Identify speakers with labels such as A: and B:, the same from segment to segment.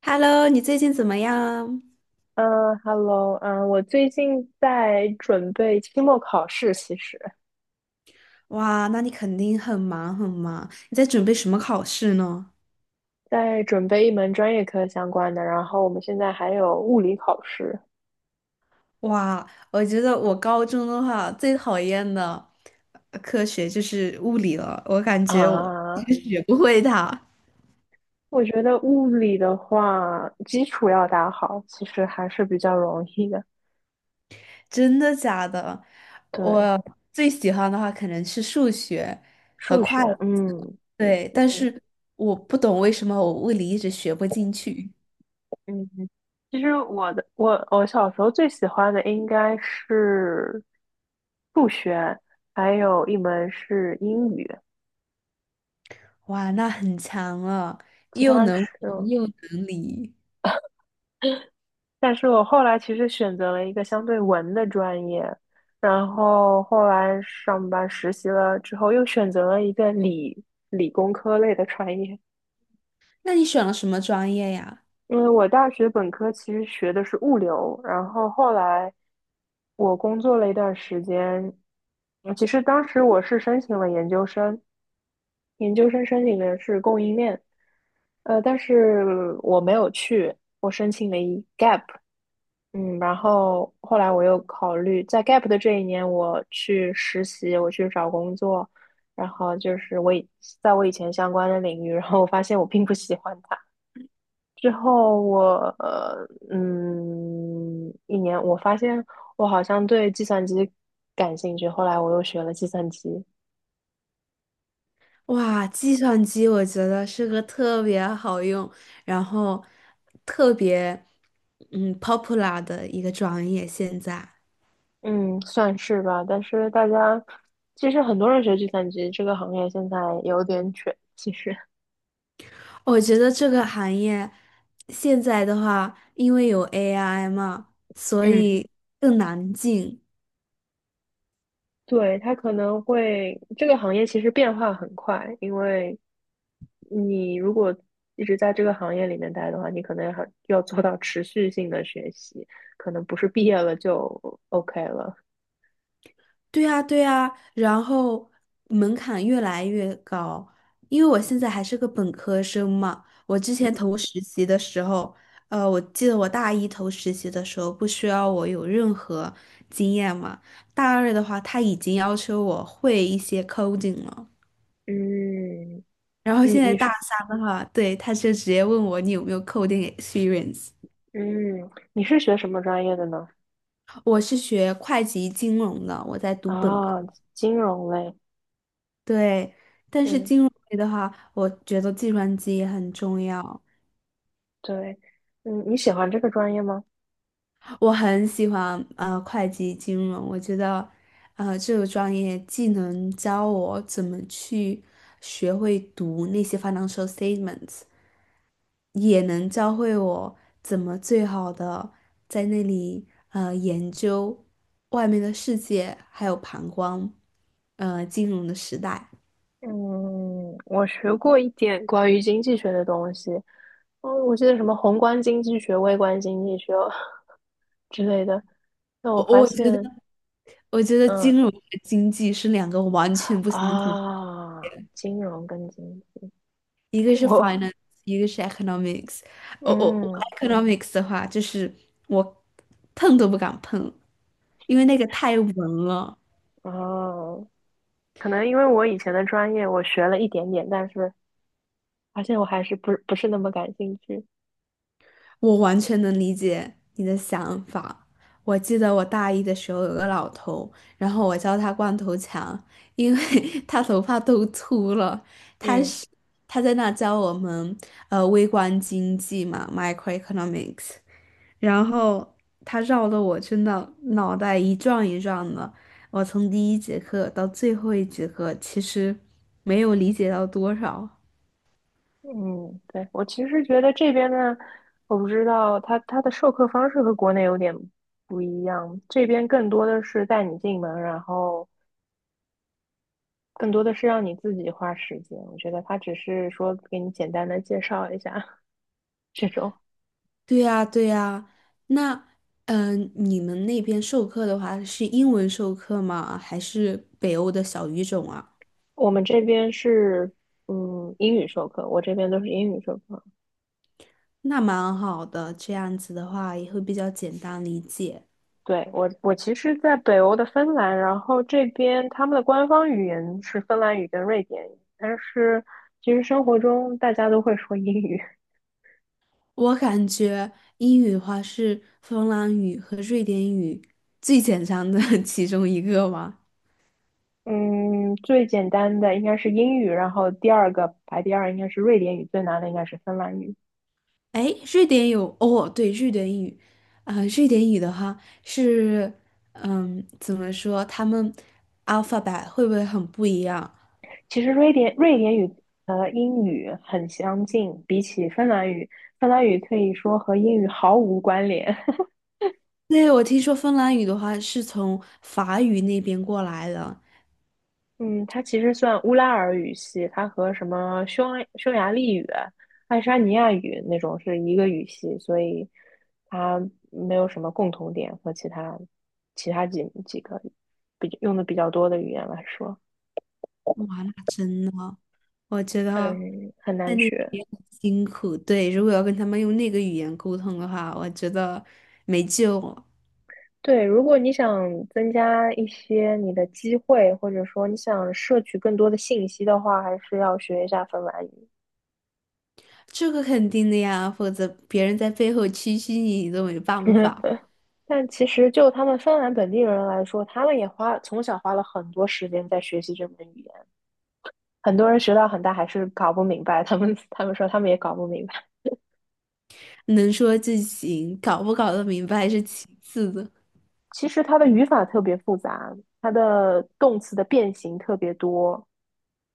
A: Hello，你最近怎么样？
B: 嗯，Hello，我最近在准备期末考试，其实
A: 哇，那你肯定很忙很忙。你在准备什么考试呢？
B: 在准备一门专业课相关的，然后我们现在还有物理考试
A: 哇，我觉得我高中的话最讨厌的科学就是物理了，我感觉我就
B: 啊。
A: 是学不会它。
B: 我觉得物理的话，基础要打好，其实还是比较容易的。
A: 真的假的？
B: 对，
A: 我最喜欢的话可能是数学和
B: 数
A: 会
B: 学，
A: 计，
B: 嗯
A: 对，但是我不懂为什么我物理一直学不进去。
B: 嗯，嗯其实我的我我小时候最喜欢的应该是数学，还有一门是英语，
A: 哇，那很强了，
B: 其
A: 又
B: 他
A: 能
B: 是。
A: 文又能理。
B: 但是我后来其实选择了一个相对文的专业，然后后来上班实习了之后，又选择了一个理工科类的专业。
A: 那你选了什么专业呀？
B: 因为我大学本科其实学的是物流，然后后来我工作了一段时间，嗯其实当时我是申请了研究生，研究生申请的是供应链，但是我没有去，我申请了一 gap。嗯，然后后来我又考虑，在 gap 的这一年，我去实习，我去找工作，然后就是在我以前相关的领域，然后我发现我并不喜欢它。之后我一年我发现我好像对计算机感兴趣，后来我又学了计算机，
A: 哇，计算机我觉得是个特别好用，然后特别popular 的一个专业。现在
B: 嗯，算是吧。但是大家其实很多人学计算机这个行业现在有点卷，其实。
A: 我觉得这个行业现在的话，因为有 AI 嘛，所
B: 嗯。
A: 以更难进。
B: 对，它可能会，这个行业其实变化很快，因为你如果一直在这个行业里面待的话，你可能还要做到持续性的学习，可能不是毕业了就 OK 了。
A: 对呀，对呀，然后门槛越来越高，因为我现在还是个本科生嘛。我之前投实习的时候，我记得我大一投实习的时候不需要我有任何经验嘛，大二的话他已经要求我会一些 coding 了，
B: 嗯，
A: 然后
B: 你
A: 现在
B: 你
A: 大
B: 是
A: 三的话，对，他就直接问我你有没有 coding experience。
B: 嗯你是学什么专业的呢？
A: 我是学会计金融的，我在读本科。
B: 啊，金融类。
A: 对，但是
B: 嗯，
A: 金融类的话，我觉得计算机也很重要。
B: 对，嗯，你喜欢这个专业吗？
A: 我很喜欢会计金融，我觉得这个专业既能教我怎么去学会读那些 financial statements，也能教会我怎么最好的在那里研究外面的世界，还有旁观金融的时代。
B: 嗯，我学过一点关于经济学的东西，哦，我记得什么宏观经济学、微观经济学 之类的。那我
A: 我
B: 发
A: 我觉得。
B: 现，
A: 我觉得
B: 嗯
A: 金融和经济是两个完全不相同，
B: 啊，金融跟经
A: 一个
B: 济，
A: 是
B: 我
A: finance，一个是 economics。我
B: 嗯
A: economics 的话，就是我碰都不敢碰，因为那个太文了。
B: 哦，可能因为我以前的专业我学了一点点，但是发现我还是不是那么感兴趣。
A: 我完全能理解你的想法。我记得我大一的时候有个老头，然后我叫他光头强，因为 他头发都秃了。他
B: 嗯
A: 是他在那教我们微观经济嘛，microeconomics。然后他绕的我真的脑袋一转一转的。我从第一节课到最后一节课，其实没有理解到多少。
B: 嗯，对，我其实觉得这边呢，我不知道它的授课方式和国内有点不一样，这边更多的是带你进门，然后。更多的是让你自己花时间。我觉得他只是说给你简单的介绍一下 这种。
A: 对呀，对呀。那，嗯、你们那边授课的话是英文授课吗？还是北欧的小语种啊？
B: 我们这边是嗯英语授课，我这边都是英语授课。
A: 那蛮好的，这样子的话也会比较简单理解。
B: 对，我，我其实，在北欧的芬兰，然后这边他们的官方语言是芬兰语跟瑞典语，但是其实生活中大家都会说英语。
A: 我感觉英语的话是芬兰语和瑞典语最简单的 其中一个吧。
B: 嗯，最简单的应该是英语，然后第二个排第二应该是瑞典语，最难的应该是芬兰语。
A: 哎，瑞典有哦，对，瑞典语，啊、瑞典语的话是，嗯，怎么说？他们 alphabet 会不会很不一样？
B: 其实瑞典语和英语很相近，比起芬兰语，芬兰语可以说和英语毫无关联。
A: 对，我听说芬兰语的话是从法语那边过来的，
B: 嗯，它其实算乌拉尔语系，它和什么匈牙利语、爱沙尼亚语那种是一个语系，所以它没有什么共同点和其他几个比用的比较多的语言来说，
A: 哇，那真的，我觉得
B: 很
A: 在
B: 难
A: 那边
B: 学。
A: 也很辛苦。对，如果要跟他们用那个语言沟通的话，我觉得没救了。
B: 对，如果你想增加一些你的机会，或者说你想摄取更多的信息的话，还是要学一下芬兰语。
A: 这个肯定的呀，否则别人在背后蛐蛐你，你都没办法。
B: 但其实就他们芬兰本地人来说，他们也花从小花了很多时间在学习这门语言。很多人学到很大还是搞不明白，他们说他们也搞不明白。
A: 能说就行，搞不搞得明白是其次的，
B: 其实它的语法特别复杂，它的动词的变形特别多。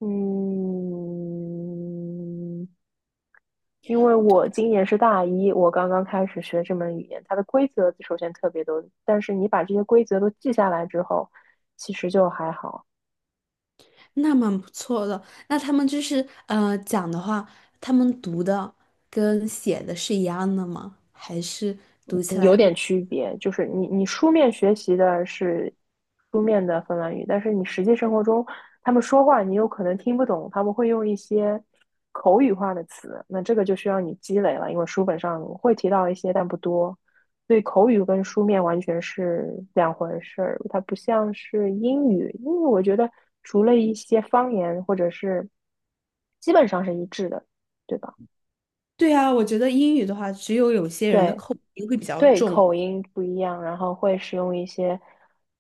B: 嗯，因为我今年是大一，我刚刚开始学这门语言，它的规则首先特别多，但是你把这些规则都记下来之后，其实就还好。
A: 那蛮不错的。那他们就是讲的话，他们读的跟写的是一样的吗？还是读起来
B: 有
A: 会？
B: 点区别，就是你书面学习的是书面的芬兰语，但是你实际生活中他们说话，你有可能听不懂，他们会用一些口语化的词，那这个就需要你积累了，因为书本上会提到一些，但不多，所以口语跟书面完全是两回事儿，它不像是英语，因为我觉得除了一些方言或者是基本上是一致的，对吧？
A: 对啊，我觉得英语的话，只有有些人的
B: 对，
A: 口音会比较
B: 对，
A: 重，
B: 口音不一样，然后会使用一些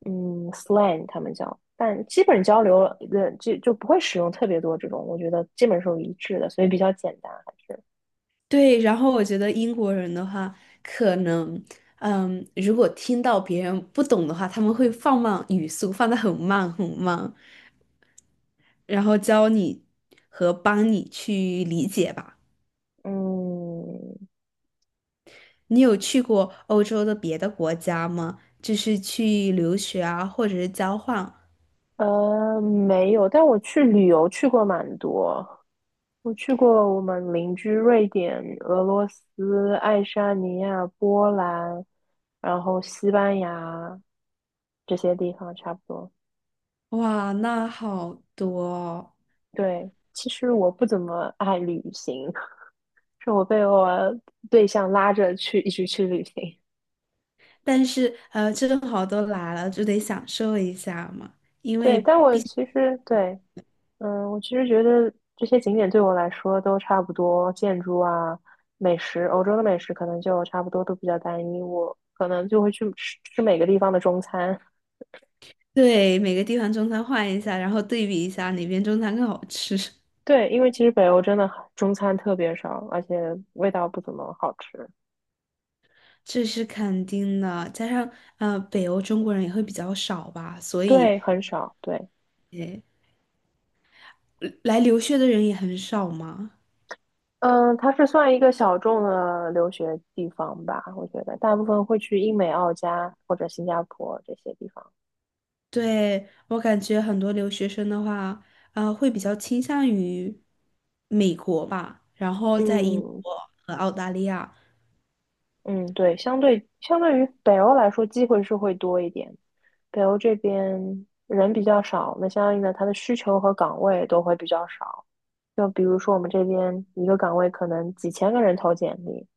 B: 嗯 slang，他们叫，但基本交流的就不会使用特别多这种，我觉得基本是一致的，所以比较简单，还是
A: 对，然后我觉得英国人的话，可能，嗯，如果听到别人不懂的话，他们会放慢语速，放得很慢很慢，然后教你和帮你去理解吧。
B: 嗯
A: 你有去过欧洲的别的国家吗？就是去留学啊，或者是交换？
B: 呃没有，但我去旅游去过蛮多，我去过我们邻居瑞典、俄罗斯、爱沙尼亚、波兰，然后西班牙这些地方差不多。
A: 哇，那好多哦
B: 对，其实我不怎么爱旅行。是我被我对象拉着去一起去旅行。
A: 但是正好都来了，就得享受一下嘛，因为
B: 对，但我其实对，嗯，我其实觉得这些景点对我来说都差不多，建筑啊、美食，欧洲的美食可能就差不多都比较单一，我可能就会去吃吃每个地方的中餐。
A: 对，每个地方中餐换一下，然后对比一下哪边中餐更好吃，
B: 对，因为其实北欧真的很中餐特别少，而且味道不怎么好吃。
A: 这是肯定的。加上北欧中国人也会比较少吧，所以
B: 对，很少。对，
A: 也来留学的人也很少嘛。
B: 嗯，它是算一个小众的留学地方吧，我觉得大部分会去英美、澳加或者新加坡这些地方。
A: 对，我感觉很多留学生的话，会比较倾向于美国吧，然后在英
B: 嗯
A: 国和澳大利亚，
B: 嗯，对，相对于北欧来说，机会是会多一点。北欧这边人比较少，那相应的它的需求和岗位都会比较少。就比如说我们这边一个岗位可能几千个人投简历，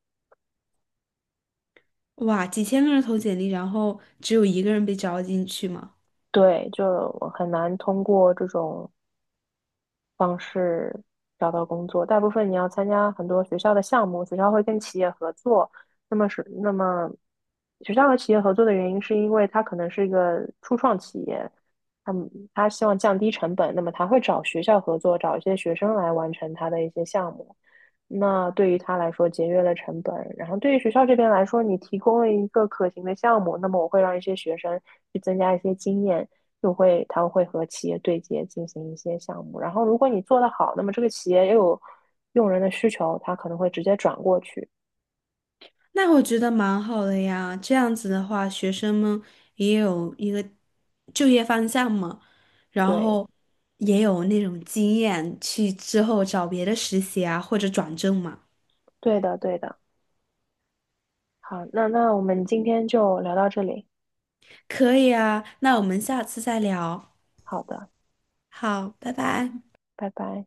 A: 哇，几千个人投简历，然后只有一个人被招进去嘛。
B: 对，就很难通过这种方式找到工作。大部分你要参加很多学校的项目，学校会跟企业合作。那么是那么，学校和企业合作的原因是因为它可能是一个初创企业，他希望降低成本，那么他会找学校合作，找一些学生来完成他的一些项目。那对于他来说节约了成本，然后对于学校这边来说，你提供了一个可行的项目，那么我会让一些学生去增加一些经验，他会和企业对接进行一些项目。然后如果你做得好，那么这个企业也有用人的需求，他可能会直接转过去。
A: 那我觉得蛮好的呀，这样子的话，学生们也有一个就业方向嘛，然
B: 对，
A: 后也有那种经验去之后找别的实习啊，或者转正嘛。
B: 对的，对的。好，那我们今天就聊到这里。
A: 可以啊，那我们下次再聊。
B: 好的，
A: 好，拜拜。
B: 拜拜。